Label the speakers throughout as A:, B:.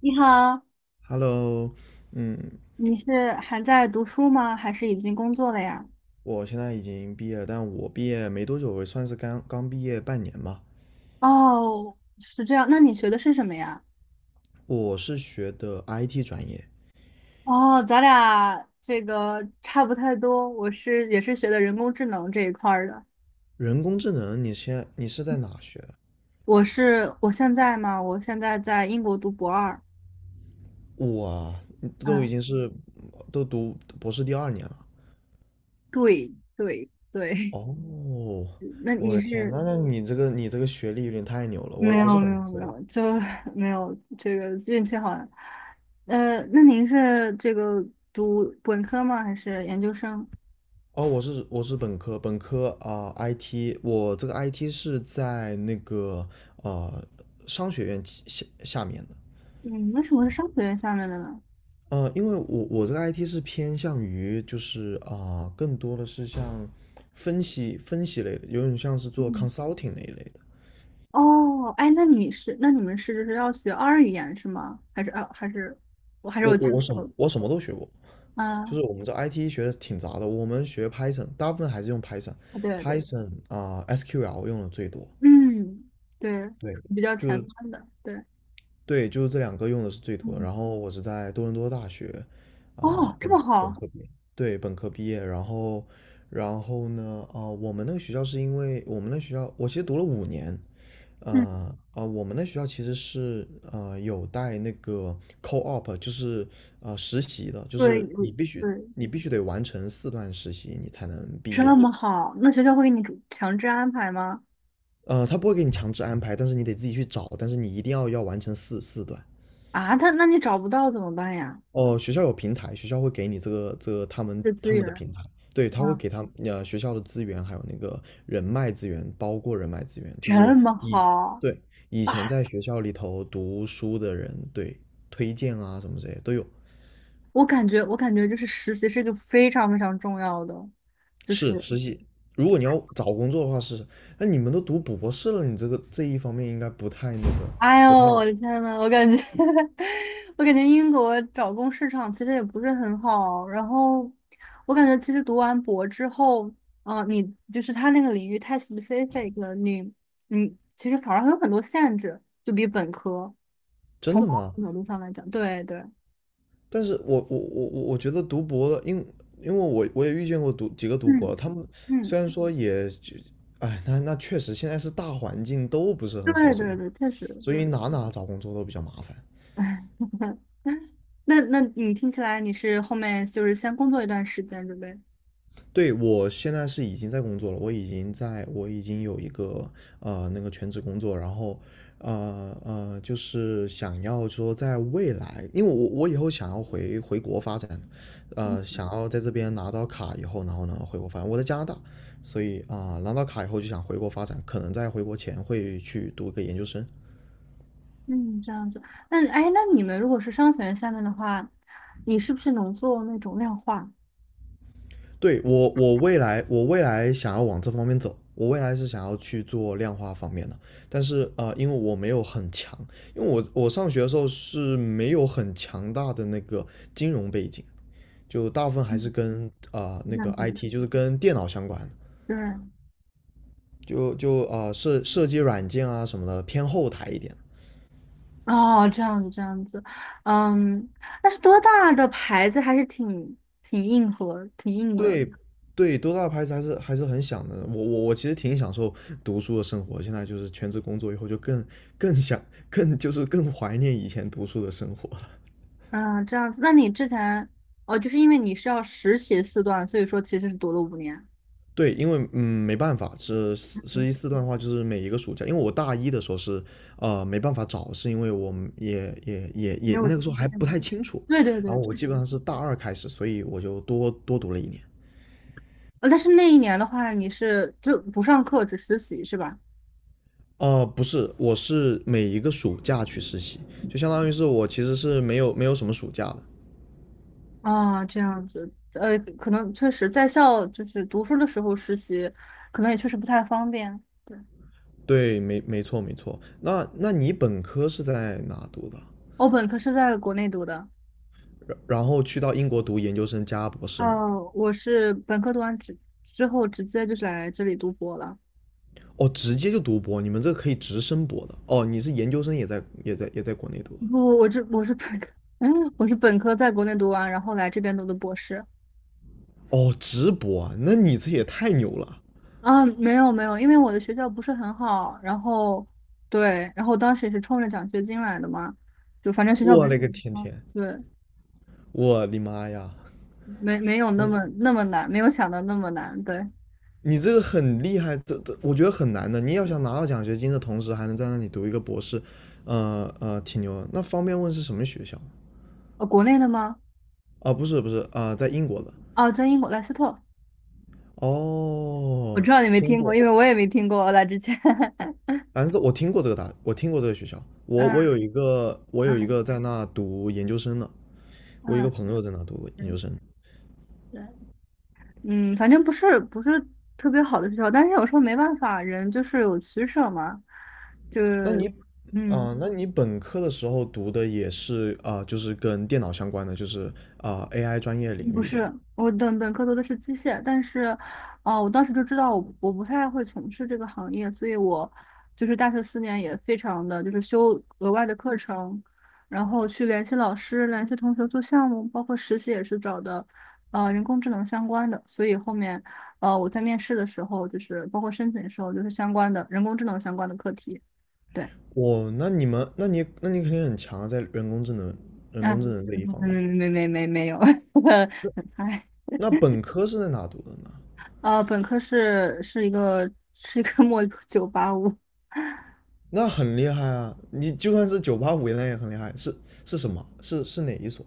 A: 你好，
B: Hello。嗯。
A: 你是还在读书吗？还是已经工作了呀？
B: 我现在已经毕业了，但我毕业没多久，我算是刚刚毕业半年吧。
A: 哦，是这样。那你学的是什么呀？
B: 我是学的 IT 专业，
A: 哦，咱俩这个差不太多。我也是学的人工智能这一块儿的。
B: 人工智能。你现在在哪学的？
A: 我现在嘛，我现在在英国读博二。
B: 我啊都已
A: 嗯，
B: 经是都读博士第二年了。
A: 对对对。
B: 哦，
A: 那
B: 我
A: 你
B: 的天
A: 是
B: 那你这个学历有点太牛 了。我
A: 没
B: 我是
A: 有没
B: 本
A: 有没
B: 科。
A: 有，就没有这个运气好了。那您是这个读本科吗？还是研究生？
B: 哦，我是本科，本科啊，IT，我这个 IT 是在那个呃商学院旗下下面的。
A: 嗯，为什么是商学院下面的呢？
B: 因为我这个 IT 是偏向于就是啊、更多的是像分析分析类的，有点像是做
A: 嗯，
B: consulting 那一类的。
A: 哦，哎，那你是，那你们是就是要学二语言是吗？还是我记错了
B: 我什么都学过，就
A: 啊？
B: 是我们这 IT 学的挺杂的。我们学 Python，大部分还是用
A: 对对对，
B: Python，Python 啊、SQL 用的最多。
A: 嗯，对，
B: 对。
A: 比较
B: 就
A: 前
B: 是
A: 端的，对，
B: 对，就是这两个用的是最多的。
A: 嗯，
B: 然后我是在多伦多大学啊、
A: 哦，这
B: 本
A: 么
B: 本
A: 好，
B: 科毕业。对，本科毕业，然后，呢？啊、我们那个学校是因为我们那学校，我其实读了5年。
A: 嗯，
B: 啊、我们那学校其实是有带那个 co-op，就是实习的，就
A: 对
B: 是
A: 对，
B: 你必须得完成4段实习，你才能毕业。
A: 这么好，那学校会给你主强制安排吗？
B: 他不会给你强制安排，但是你得自己去找，但是你一定要完成四段。
A: 啊，他那你找不到怎么办呀？
B: 哦，学校有平台，学校会给你这个他们
A: 这资
B: 他们
A: 源
B: 的平台。对，他会
A: 啊，
B: 给学校的资源，还有那个人脉资源，包括人脉资源，就
A: 这
B: 是
A: 么
B: 以
A: 好。
B: 对，以前
A: 啊！
B: 在学校里头读书的人。对。推荐啊什么这些都有。
A: 我感觉，我感觉就是实习是一个非常非常重要的，就
B: 是
A: 是
B: 实习，如果你要找工作的话是。那你们都读博士了，你这个这一方面应该不太那个
A: 哎呦，
B: 不太
A: 我的天呐，我感觉，我感觉英国找工市场其实也不是很好。然后，我感觉其实读完博之后，嗯、你就是他那个领域太 specific 了，你其实反而会有很多限制，就比本科
B: 真
A: 从某
B: 的吗？
A: 种角度上来讲，对对，
B: 但是我觉得读博的，因为我也遇见过读几个读博
A: 嗯
B: 的他们
A: 嗯，
B: 虽然说也就，哎，那确实现在是大环境都不是
A: 对
B: 很好，所
A: 对
B: 以
A: 对，确实对。
B: 哪找工作都比较麻烦。
A: 那那你听起来你是后面就是先工作一段时间准备？
B: 对，我现在是已经在工作了，我已经有一个那个全职工作，然后就是想要说在未来，因为我以后想要回国发展。想要在这边拿到卡以后，然后呢回国发展。我在加拿大，所以啊、拿到卡以后就想回国发展，可能在回国前会去读个研究生。
A: 嗯，这样子。那哎，那你们如果是商学院下面的话，你是不是能做那种量化？
B: 对，我未来想要往这方面走，我未来是想要去做量化方面的，但是因为我没有很强，因为我上学的时候是没有很强大的那个金融背景，就大部分还
A: 嗯，
B: 是跟啊
A: 这
B: 那个
A: 样子。
B: IT，就是跟电脑相关的，
A: 对，
B: 就设计软件啊什么的偏后台一点。
A: 哦，这样子，这样子。嗯，但是多大的牌子还是挺硬核、挺硬的。
B: 对对，多大的牌子还是很想的。我其实挺享受读书的生活，现在就是全职工作以后就更更想更就是更怀念以前读书的生活了。
A: 嗯，这样子。那你之前哦，就是因为你是要实习4段，所以说其实是读了5年。
B: 对，因为没办法，是实
A: 嗯，
B: 习四段的话，就是每一个暑假，因为我大一的时候是没办法找，是因为我们
A: 没
B: 也
A: 有
B: 那个
A: 经
B: 时候还不
A: 验。
B: 太清楚，
A: 对对
B: 然
A: 对，
B: 后我基本上是大二开始，所以我就多读了一年。
A: 但是那一年的话，你是就不上课，只实习是吧？
B: 不是，我是每一个暑假去实习，就相当于是我其实是没有什么暑假的。
A: 啊，这样子，可能确实在校就是读书的时候实习，可能也确实不太方便。对，
B: 对，没错没错。那你本科是在哪读的？
A: 我本科是在国内读的，
B: 然后去到英国读研究生加博士吗？
A: 哦，我是本科读完之后直接就是来这里读博了。
B: 哦，直接就读博，你们这个可以直升博的。哦，你是研究生也在国内读的。
A: 不，我是本科，嗯，我是本科在国内读完，然后来这边读的博士。
B: 哦，直博啊，那你这也太牛了！
A: 啊，没有没有，因为我的学校不是很好，然后对，然后当时也是冲着奖学金来的嘛，就反正学校不
B: 我
A: 是
B: 勒个
A: 很
B: 天
A: 好，
B: 天，
A: 对，
B: 我的妈呀！
A: 没有那么
B: 你
A: 那么难，没有想到那么难。对，
B: 你这个很厉害，这我觉得很难的。你要想拿到奖学金的同时，还能在那里读一个博士，挺牛的。那方便问是什么学校吗？
A: 国内的吗？
B: 啊，不是，不是啊，在英国的。
A: 哦，在英国莱斯特，我
B: 哦，
A: 知道你没
B: 听
A: 听过，
B: 过。
A: 因为我也没听过。我来之前，
B: 反正我听过这个学校。我有
A: 嗯
B: 一个，我有一
A: 嗯
B: 个在那读研究生的，我有一个
A: 嗯，
B: 朋友在那读
A: 对
B: 研究生。
A: 对，嗯，反正不是不是特别好的学校，但是有时候没办法，人就是有取舍嘛，就
B: 那
A: 是
B: 你，
A: 嗯，
B: 啊、那你本科的时候读的也是啊、就是跟电脑相关的，就是啊、AI 专业
A: 嗯
B: 领
A: 不
B: 域的嘛？
A: 是，我的本科读的是机械，但是，我当时就知道我不太会从事这个行业，所以我就是大学4年也非常的就是修额外的课程，然后去联系老师、联系同学做项目，包括实习也是找的，人工智能相关的，所以后面，我在面试的时候，就是包括申请的时候，就是相关的人工智能相关的课题，对，
B: 那你肯定很强啊，在人工智
A: 嗯，
B: 能这一方面。
A: 没 没有，很菜。
B: 那本科是在哪读的呢？
A: 本科是是一个 末985。
B: 那很厉害啊！你就算是九八五，那也很厉害。是是什么？是哪一所？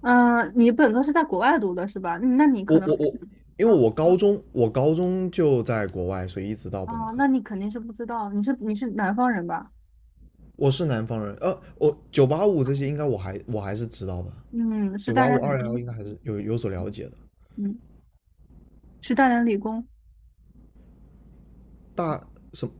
A: 嗯，你本科是在国外读的是吧？那那你可
B: 我
A: 能，
B: 我我，因为
A: 嗯，
B: 我高中就在国外，所以一直到
A: 哦，
B: 本科。
A: 那你肯定是不知道，你是南方人吧？
B: 我是南方人，我九八五这些应该我还是知道的，
A: 嗯，是
B: 九
A: 大
B: 八五
A: 连理
B: 二幺幺
A: 工，
B: 应该还是有所了解的。
A: 嗯，是大连理工，
B: 大什么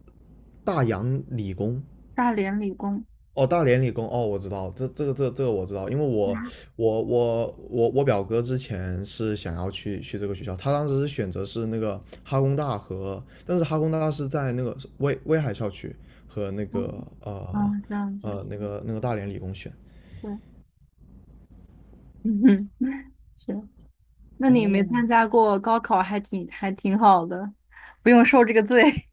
B: 大洋理工
A: 大连理工。
B: 哦，大连理工，哦，我知道，这个我知道，因为
A: 嗯，
B: 我表哥之前是想要去这个学校，他当时是选择是那个哈工大和，但是哈工大是在那个威海校区和那
A: 哦，
B: 个呃
A: 啊，这样子，
B: 那个大连理工选。
A: 对，嗯哼，是。那你没参
B: 哦，
A: 加过高考，还挺好的，不用受这个罪。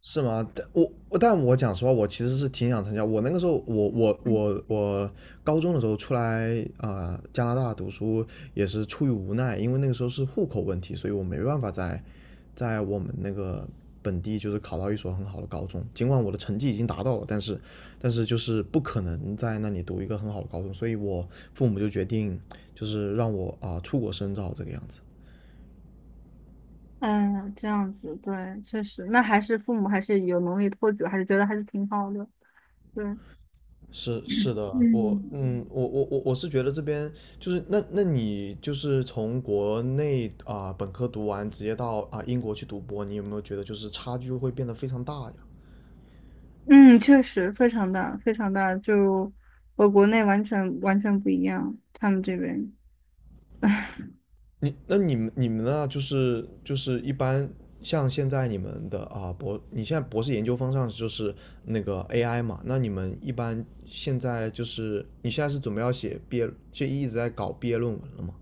B: 是吗？但我讲实话，我其实是挺想参加。我那个时候，我高中的时候出来啊、加拿大读书也是出于无奈，因为那个时候是户口问题，所以我没办法在我们那个本地就是考到一所很好的高中。尽管我的成绩已经达到了，但是就是不可能在那里读一个很好的高中，所以我父母就决定就是让我啊、出国深造这个样子。
A: 嗯，这样子，对，确实，那还是父母还是有能力托举，还是觉得还是挺好的。对，
B: 是是的。我
A: 嗯，
B: 嗯，我我我我是觉得这边就是那你就是从国内啊、本科读完，直接到啊、英国去读博，你有没有觉得就是差距会变得非常大呀？
A: 嗯，确实非常大，非常大，就和国内完全完全不一样，他们这边。
B: 你们呢？就是一般像现在你们的啊、你现在博士研究方向就是那个 AI 嘛？那你们一般现在就是你现在是准备要写毕业，就一直在搞毕业论文了吗？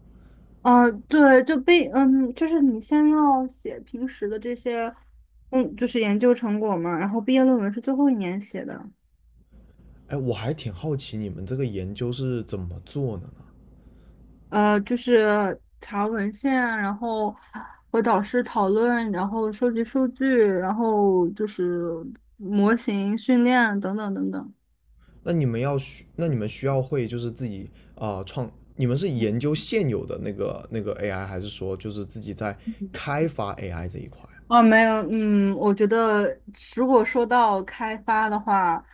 A: 啊，对，就被嗯，就是你先要写平时的这些，嗯，就是研究成果嘛，然后毕业论文是最后一年写的，
B: 哎，我还挺好奇你们这个研究是怎么做的呢？
A: 就是查文献，然后和导师讨论，然后收集数据，然后就是模型训练等等等等。
B: 那你们需要会就是自己啊、创，你们是研究现有的那个 AI，还是说就是自己在开发 AI 这一块啊？
A: 哦，没有，嗯，我觉得如果说到开发的话，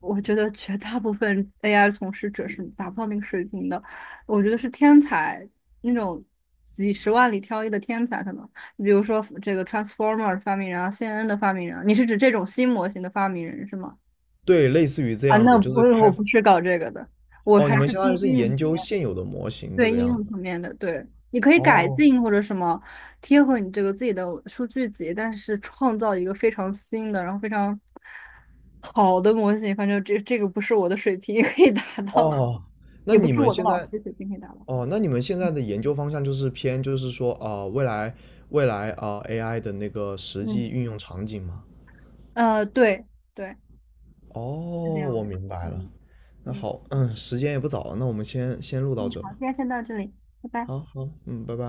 A: 我觉得绝大部分 AI 从事者是达不到那个水平的。我觉得是天才，那种几十万里挑一的天才，可能比如说这个 Transformer 发明人啊，CNN 的发明人啊，你是指这种新模型的发明人是吗？
B: 对，类似于这
A: 啊，
B: 样
A: 那
B: 子，就是
A: 不是，我
B: 开，
A: 不是搞这个的，我
B: 哦，你
A: 还
B: 们
A: 是
B: 相
A: 偏
B: 当于是
A: 应用
B: 研
A: 层
B: 究
A: 面，
B: 现有的模型这
A: 对
B: 个
A: 应
B: 样
A: 用
B: 子。
A: 层面的，对，你可以改
B: 哦
A: 进或者什么，贴合你这个自己的数据集，但是创造一个非常新的，然后非常好的模型，反正这个不是我的水平 可以达到，
B: 哦，那
A: 也不
B: 你
A: 是
B: 们
A: 我的
B: 现
A: 老师
B: 在，
A: 水平可以达到。
B: 哦，那你们现在的研究方向就是偏就是说啊、未来啊、AI 的那个实际
A: 嗯，
B: 运用场景吗？
A: 对对，
B: 哦，
A: 是这样
B: 我
A: 的。
B: 明白了。
A: 嗯
B: 那
A: 嗯
B: 好，时间也不早了，那我们先录到
A: 嗯，
B: 这
A: 好，
B: 吧。
A: 今天先到这里，拜拜。
B: 好好，嗯，拜拜。